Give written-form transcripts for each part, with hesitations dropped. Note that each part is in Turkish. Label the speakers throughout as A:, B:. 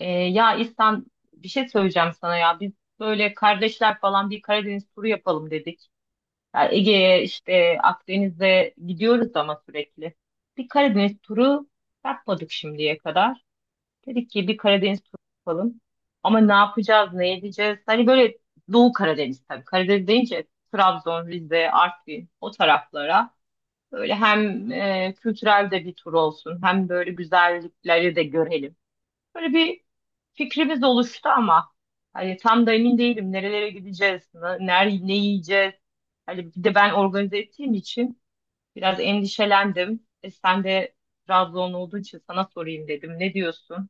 A: Ya bir şey söyleyeceğim sana ya. Biz böyle kardeşler falan bir Karadeniz turu yapalım dedik. Ya Ege'ye işte Akdeniz'e gidiyoruz ama sürekli. Bir Karadeniz turu yapmadık şimdiye kadar. Dedik ki bir Karadeniz turu yapalım. Ama ne yapacağız, ne edeceğiz? Hani böyle Doğu Karadeniz tabii. Karadeniz deyince Trabzon, Rize, Artvin o taraflara. Böyle hem kültürel de bir tur olsun hem böyle güzellikleri de görelim. Böyle bir fikrimiz oluştu ama hani tam da emin değilim nerelere gideceğiz, ne yiyeceğiz. Hani bir de ben organize ettiğim için biraz endişelendim. E sen de Trabzon olduğu için sana sorayım dedim. Ne diyorsun?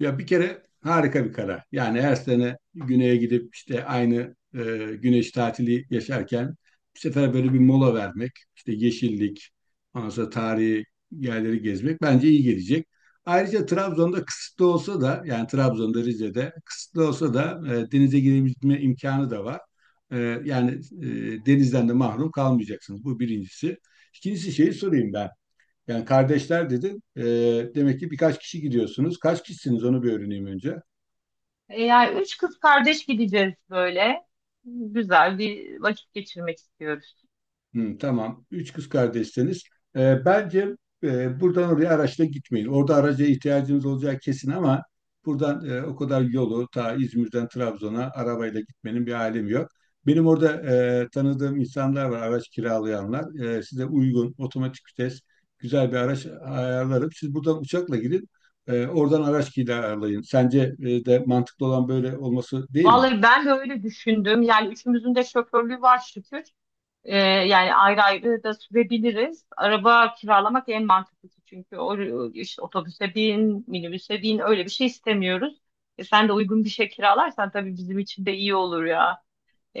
B: Ya bir kere harika bir karar. Yani her sene güneye gidip işte aynı güneş tatili yaşarken bu sefer böyle bir mola vermek, işte yeşillik, ondan sonra tarihi yerleri gezmek bence iyi gelecek. Ayrıca Trabzon'da kısıtlı olsa da yani Trabzon'da Rize'de kısıtlı olsa da denize girebilme imkanı da var. E, yani e, denizden de mahrum kalmayacaksınız. Bu birincisi. İkincisi şeyi sorayım ben. Yani kardeşler dedin. Demek ki birkaç kişi gidiyorsunuz. Kaç kişisiniz onu bir öğreneyim önce.
A: Yani üç kız kardeş gideceğiz böyle. Güzel bir vakit geçirmek istiyoruz.
B: Hı, tamam. Üç kız kardeşseniz bence buradan oraya araçla gitmeyin. Orada araca ihtiyacınız olacağı kesin ama buradan o kadar yolu ta İzmir'den Trabzon'a arabayla gitmenin bir alemi yok. Benim orada tanıdığım insanlar var, araç kiralayanlar. Size uygun, otomatik vites, güzel bir araç ayarlarım. Siz buradan uçakla gidin, oradan araç kiralayın. Sence de mantıklı olan böyle olması değil mi?
A: Vallahi ben de öyle düşündüm. Yani üçümüzün de şoförlüğü var şükür. Yani ayrı ayrı da sürebiliriz. Araba kiralamak en mantıklısı çünkü o, işte otobüse bin, minibüse bin öyle bir şey istemiyoruz. Sen de uygun bir şey kiralarsan tabii bizim için de iyi olur ya.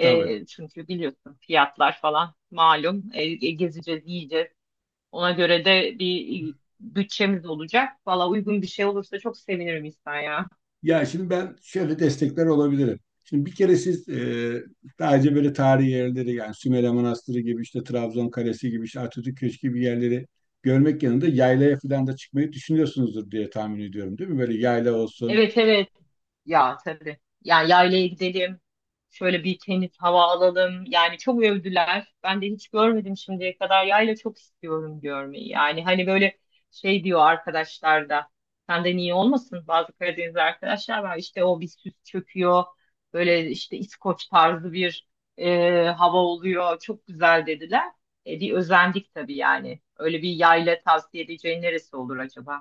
B: Tabii.
A: Çünkü biliyorsun fiyatlar falan malum. Gezeceğiz, yiyeceğiz. Ona göre de bir bütçemiz olacak. Valla uygun bir şey olursa çok sevinirim İhsan ya.
B: Ya şimdi ben şöyle destekler olabilirim. Şimdi bir kere siz daha önce böyle tarihi yerleri yani Sümele Manastırı gibi işte Trabzon Kalesi gibi işte Atatürk Köşkü gibi yerleri görmek yanında yaylaya falan da çıkmayı düşünüyorsunuzdur diye tahmin ediyorum değil mi? Böyle yayla olsun.
A: Evet, evet. Ya tabii. Yani yaylaya gidelim. Şöyle bir temiz hava alalım. Yani çok övdüler. Ben de hiç görmedim şimdiye kadar. Yayla çok istiyorum görmeyi. Yani hani böyle şey diyor arkadaşlar da. Senden iyi olmasın bazı Karadeniz arkadaşlar var. İşte o bir süs çöküyor. Böyle işte İskoç tarzı bir hava oluyor. Çok güzel dediler. Bir özendik tabii yani. Öyle bir yayla tavsiye edeceğin neresi olur acaba?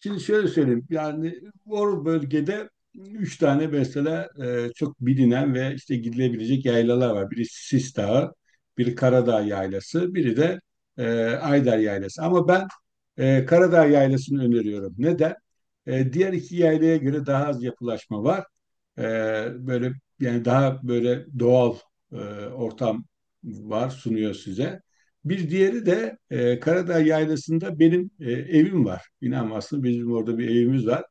B: Şimdi şöyle söyleyeyim. Yani o bölgede üç tane mesela çok bilinen ve işte gidilebilecek yaylalar var. Biri Sis Dağı, biri Karadağ Yaylası, biri de Ayder Yaylası. Ama ben Karadağ Yaylası'nı öneriyorum. Neden? Diğer iki yaylaya göre daha az yapılaşma var. E, böyle Yani daha böyle doğal e, ortam var sunuyor size. Bir diğeri de Karadağ Yaylası'nda benim evim var. İnanmazsın bizim orada bir evimiz var.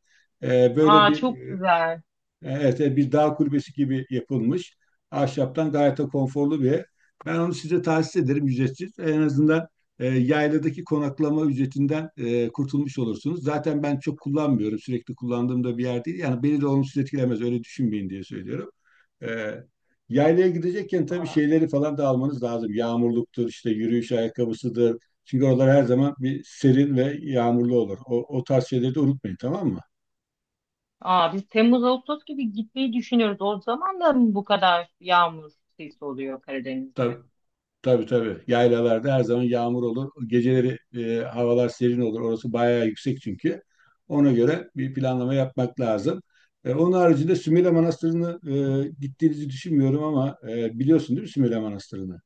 B: E, böyle
A: Aa,
B: bir
A: çok
B: e,
A: güzel.
B: Evet, evet, bir dağ kulübesi gibi yapılmış. Ahşaptan gayet de konforlu bir ev. Ben onu size tahsis ederim ücretsiz. En azından yayladaki konaklama ücretinden kurtulmuş olursunuz. Zaten ben çok kullanmıyorum. Sürekli kullandığım da bir yer değil. Yani beni de olumsuz etkilemez. Öyle düşünmeyin diye söylüyorum. E, Yaylaya gidecekken tabii şeyleri falan da almanız lazım. Yağmurluktur, işte yürüyüş ayakkabısıdır. Çünkü oralar her zaman bir serin ve yağmurlu olur. O, o tarz şeyleri de unutmayın, tamam mı?
A: Aa, biz Temmuz Ağustos gibi gitmeyi düşünüyoruz. O zaman da mı bu kadar yağmur sesi oluyor Karadeniz'de?
B: Tabii. Tabii tabii. Yaylalarda her zaman yağmur olur. Geceleri havalar serin olur. Orası bayağı yüksek çünkü. Ona göre bir planlama yapmak lazım. Onun haricinde Sümele Manastırı'nı gittiğinizi düşünmüyorum ama biliyorsun değil mi Sümele Manastırı'nı?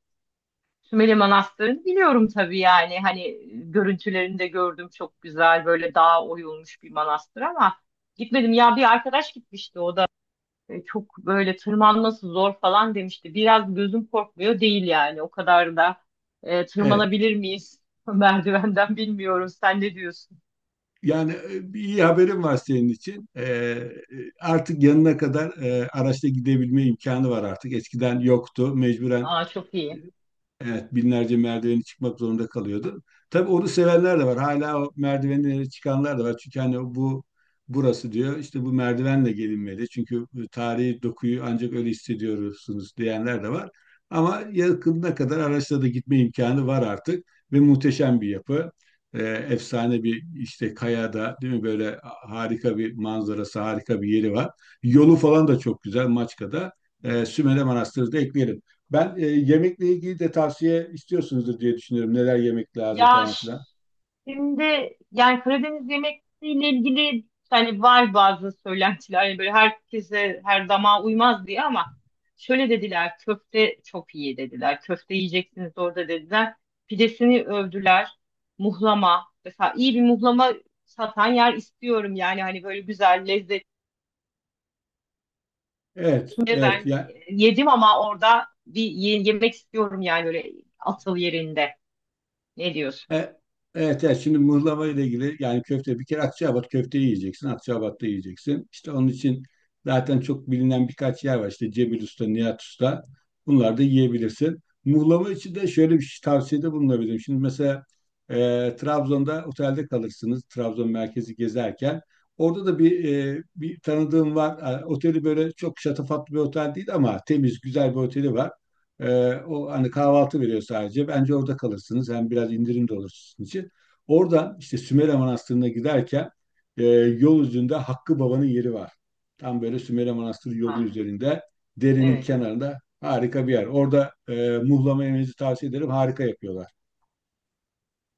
A: Sümele Manastırı'nı biliyorum tabii yani hani görüntülerinde gördüm çok güzel böyle dağa oyulmuş bir manastır ama gitmedim ya bir arkadaş gitmişti o da çok böyle tırmanması zor falan demişti. Biraz gözüm korkmuyor değil yani o kadar da
B: Evet.
A: tırmanabilir miyiz merdivenden bilmiyorum sen ne diyorsun?
B: Yani bir iyi haberim var senin için. Artık yanına kadar araçla gidebilme imkanı var artık. Eskiden yoktu. Mecburen.
A: Aa, çok iyi.
B: Evet, binlerce merdiveni çıkmak zorunda kalıyordu. Tabii onu sevenler de var. Hala o merdivenlere çıkanlar da var. Çünkü hani bu burası diyor işte bu merdivenle gelinmeli. Çünkü tarihi dokuyu ancak öyle hissediyorsunuz diyenler de var. Ama yakınına kadar araçla da gitme imkanı var artık ve muhteşem bir yapı. Efsane bir işte kayada değil mi böyle harika bir manzarası, harika bir yeri var. Yolu falan da çok güzel Maçka'da. Sümele Manastırı da ekleyelim. Ben yemekle ilgili de tavsiye istiyorsunuzdur diye düşünüyorum. Neler yemek lazım
A: Ya
B: falan
A: ş-
B: filan.
A: Şimdi yani Karadeniz yemekleriyle ilgili hani var bazı söylentiler yani böyle herkese her damağa uymaz diye ama şöyle dediler köfte çok iyi dediler. Köfte yiyeceksiniz orada dediler. Pidesini övdüler. Muhlama mesela iyi bir muhlama satan yer istiyorum yani hani böyle güzel lezzetli
B: Evet, evet.
A: ben yedim ama orada bir yemek istiyorum yani öyle asıl yerinde. Ne diyorsun?
B: E, Evet, evet. Şimdi mıhlama ile ilgili yani köfte bir kere Akçaabat köfteyi yiyeceksin. Akçaabat'ta yiyeceksin. İşte onun için zaten çok bilinen birkaç yer var. İşte Cebil Usta, Nihat Usta. Bunlar da yiyebilirsin. Mıhlama için de şöyle bir şey- tavsiyede bulunabilirim. Şimdi mesela e, Trabzon'da otelde kalırsınız. Trabzon merkezi gezerken. Orada da bir bir tanıdığım var. Oteli böyle çok şatafatlı bir otel değil ama temiz, güzel bir oteli var. O hani kahvaltı veriyor sadece. Bence orada kalırsınız. Hem biraz indirim de olur sizin için. Orada işte Sümele Manastırı'na giderken yol üzerinde Hakkı Baba'nın yeri var. Tam böyle Sümele Manastırı yolu
A: Ha,
B: üzerinde derenin
A: evet.
B: kenarında harika bir yer. Orada muhlama yemenizi tavsiye ederim. Harika yapıyorlar.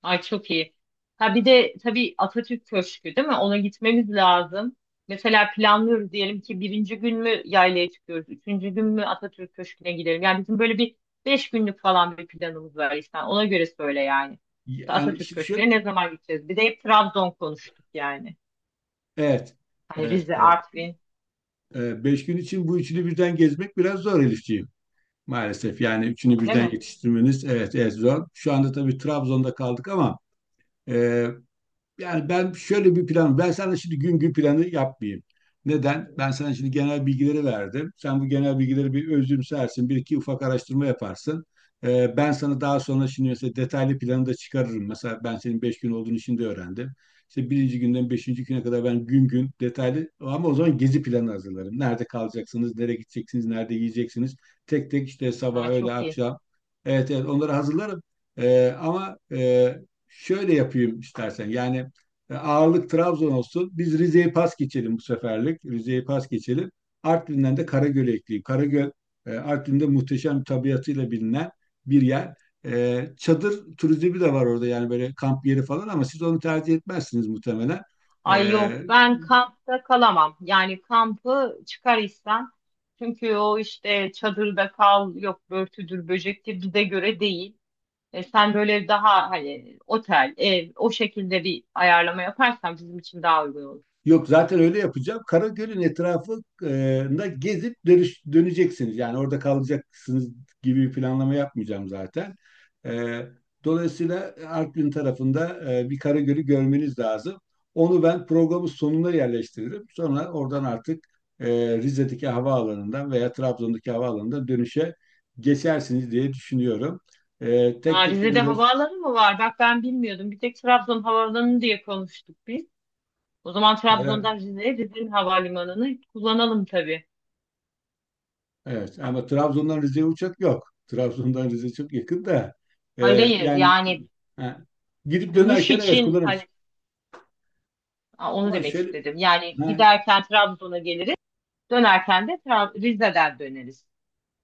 A: Ay çok iyi. Ha bir de tabii Atatürk Köşkü değil mi? Ona gitmemiz lazım. Mesela planlıyoruz diyelim ki birinci gün mü yaylaya çıkıyoruz, üçüncü gün mü Atatürk Köşkü'ne gidelim. Yani bizim böyle bir beş günlük falan bir planımız var işte. Ona göre söyle yani. İşte
B: Yani
A: Atatürk
B: şu,
A: Köşkü'ne
B: şu-
A: ne zaman gideceğiz? Bir de hep Trabzon konuştuk yani.
B: evet,
A: Hani
B: evet,
A: Rize,
B: evet.
A: Artvin
B: Beş gün için bu üçünü birden gezmek biraz zor Elifciğim. Maalesef yani üçünü
A: öyle
B: birden
A: mi?
B: yetiştirmeniz evet, evet zor. Şu anda tabii Trabzon'da kaldık ama e, yani ben şöyle bir plan, ben sana şimdi gün gün planı yapmayayım. Neden? Ben sana şimdi genel bilgileri verdim. Sen bu genel bilgileri bir özümsersin, bir iki ufak araştırma yaparsın. Ben sana daha sonra şimdi mesela detaylı planı da çıkarırım. Mesela ben senin beş gün olduğunu şimdi öğrendim. İşte birinci günden beşinci güne kadar ben gün gün detaylı ama o zaman gezi planı hazırlarım. Nerede kalacaksınız, nereye gideceksiniz, nerede yiyeceksiniz. Tek tek işte sabah,
A: Ha,
B: öğle,
A: çok iyi.
B: akşam. Evet evet onları hazırlarım. Ee, ama e, Şöyle yapayım istersen. Ağırlık Trabzon olsun. Biz Rize'yi pas geçelim bu seferlik. Rize'yi pas geçelim. Artvin'den de Karagöl'e ekleyeyim. Karagöl Artvin'de muhteşem bir tabiatıyla bilinen bir yer. E, Çadır turizmi de var orada yani böyle kamp yeri falan ama siz onu tercih etmezsiniz muhtemelen. E,
A: Ay yok ben kampta kalamam. Yani kampı çıkar istem. Çünkü o işte çadırda kal yok börtüdür böcektir bize göre değil. Sen böyle daha hani otel ev o şekilde bir ayarlama yaparsan bizim için daha uygun olur.
B: Yok zaten öyle yapacağım. Karagöl'ün etrafında gezip dönüş, döneceksiniz. Yani orada kalacaksınız gibi bir planlama yapmayacağım zaten. E, Dolayısıyla Artvin tarafında bir Karagöl'ü görmeniz lazım. Onu ben programın sonuna yerleştiririm. Sonra oradan artık e, Rize'deki havaalanından veya Trabzon'daki havaalanından dönüşe geçersiniz diye düşünüyorum. E,
A: Ha,
B: tek tek
A: Rize'de
B: böyle
A: havaalanı mı var? Bak ben bilmiyordum. Bir tek Trabzon havaalanı diye konuştuk biz. O zaman Trabzon'dan Rize'ye Rize'nin havalimanını kullanalım tabii.
B: Evet ama Trabzon'dan Rize'ye uçak yok. Trabzon'dan Rize çok yakın da e,
A: Hayır hayır,
B: yani
A: yani
B: ha, gidip
A: dönüş
B: dönerken evet
A: için
B: kullanırız.
A: hani Aa, onu
B: Ama
A: demek
B: şöyle
A: istedim. Yani
B: ha,
A: giderken Trabzon'a geliriz, dönerken de Rize'den döneriz.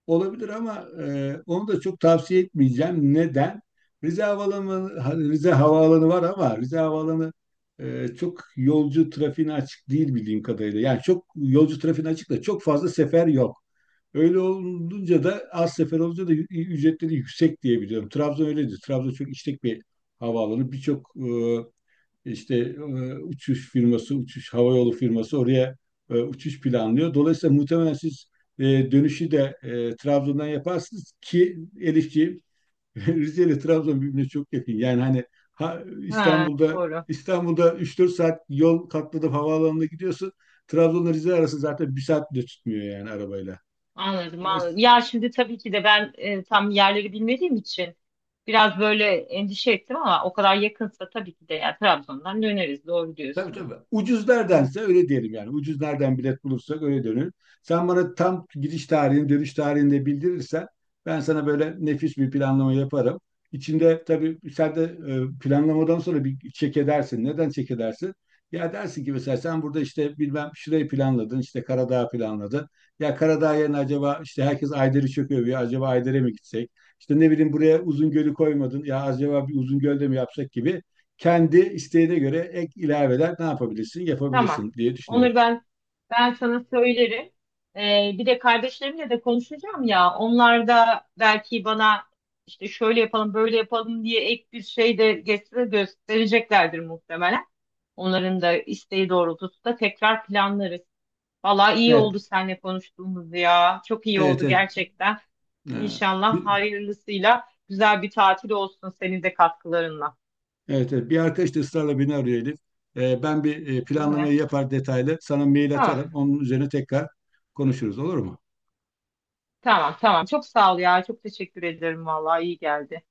B: Olabilir ama onu da çok tavsiye etmeyeceğim. Neden? Rize Havaalanı var ama Rize Havaalanı çok yolcu trafiğine açık değil bildiğim kadarıyla. Yani çok yolcu trafiğine açık da çok fazla sefer yok. Öyle olunca da az sefer olunca da ücretleri yüksek diye biliyorum. Trabzon öyledir. Trabzon çok işlek bir havaalanı. Birçok uçuş firması, uçuş havayolu firması oraya uçuş planlıyor. Dolayısıyla muhtemelen siz e, dönüşü de Trabzon'dan yaparsınız ki Elifçi. Rize ile Trabzon birbirine çok yakın.
A: Ha,
B: İstanbul'da
A: doğru.
B: İstanbul'da 3-4 saat yol katladım havaalanına gidiyorsun. Trabzon'la Rize arası zaten bir saat bile tutmuyor yani arabayla.
A: Anladım, anladım.
B: Dolayısıyla.
A: Ya şimdi tabii ki de ben tam yerleri bilmediğim için biraz böyle endişe ettim ama o kadar yakınsa tabii ki de ya Trabzon'dan döneriz. Doğru
B: Tabii
A: diyorsun.
B: tabii. Ucuz neredense öyle diyelim yani. Ucuz nereden bilet bulursak öyle dönür. Sen bana tam giriş tarihini, dönüş tarihini de bildirirsen ben sana böyle nefis bir planlama yaparım. İçinde tabii sen de planlamadan sonra bir çek edersin. Neden çek edersin? Ya dersin ki mesela sen burada işte bilmem şurayı planladın, işte Karadağ planladın. Ya Karadağ yerine acaba işte herkes Ayder'i çok övüyor. Acaba Ayder'e mi gitsek? İşte ne bileyim buraya Uzungöl'ü koymadın. Ya acaba bir Uzungöl'de mi yapsak gibi kendi isteğine göre ek ilaveler ne yapabilirsin,
A: Tamam.
B: yapabilirsin diye düşünüyorum.
A: Onur ben sana söylerim. Bir de kardeşlerimle de konuşacağım ya. Onlar da belki bana işte şöyle yapalım, böyle yapalım diye ek bir şey de getire göstereceklerdir muhtemelen. Onların da isteği doğrultusunda tekrar planlarız. Valla iyi oldu
B: Evet,
A: seninle konuştuğumuz ya. Çok iyi
B: evet,
A: oldu
B: evet.
A: gerçekten.
B: Ee,
A: İnşallah
B: bir,
A: hayırlısıyla güzel bir tatil olsun senin de katkılarınla.
B: evet, evet. Bir arkadaş da ısrarla beni arıyor Elif. Ben bir
A: Değil
B: planlamayı
A: mi?
B: yapar detaylı. Sana mail
A: Tamam.
B: atarım. Onun üzerine tekrar konuşuruz, olur mu?
A: Tamam, tamam. Çok sağ ol ya. Çok teşekkür ederim. Vallahi iyi geldi.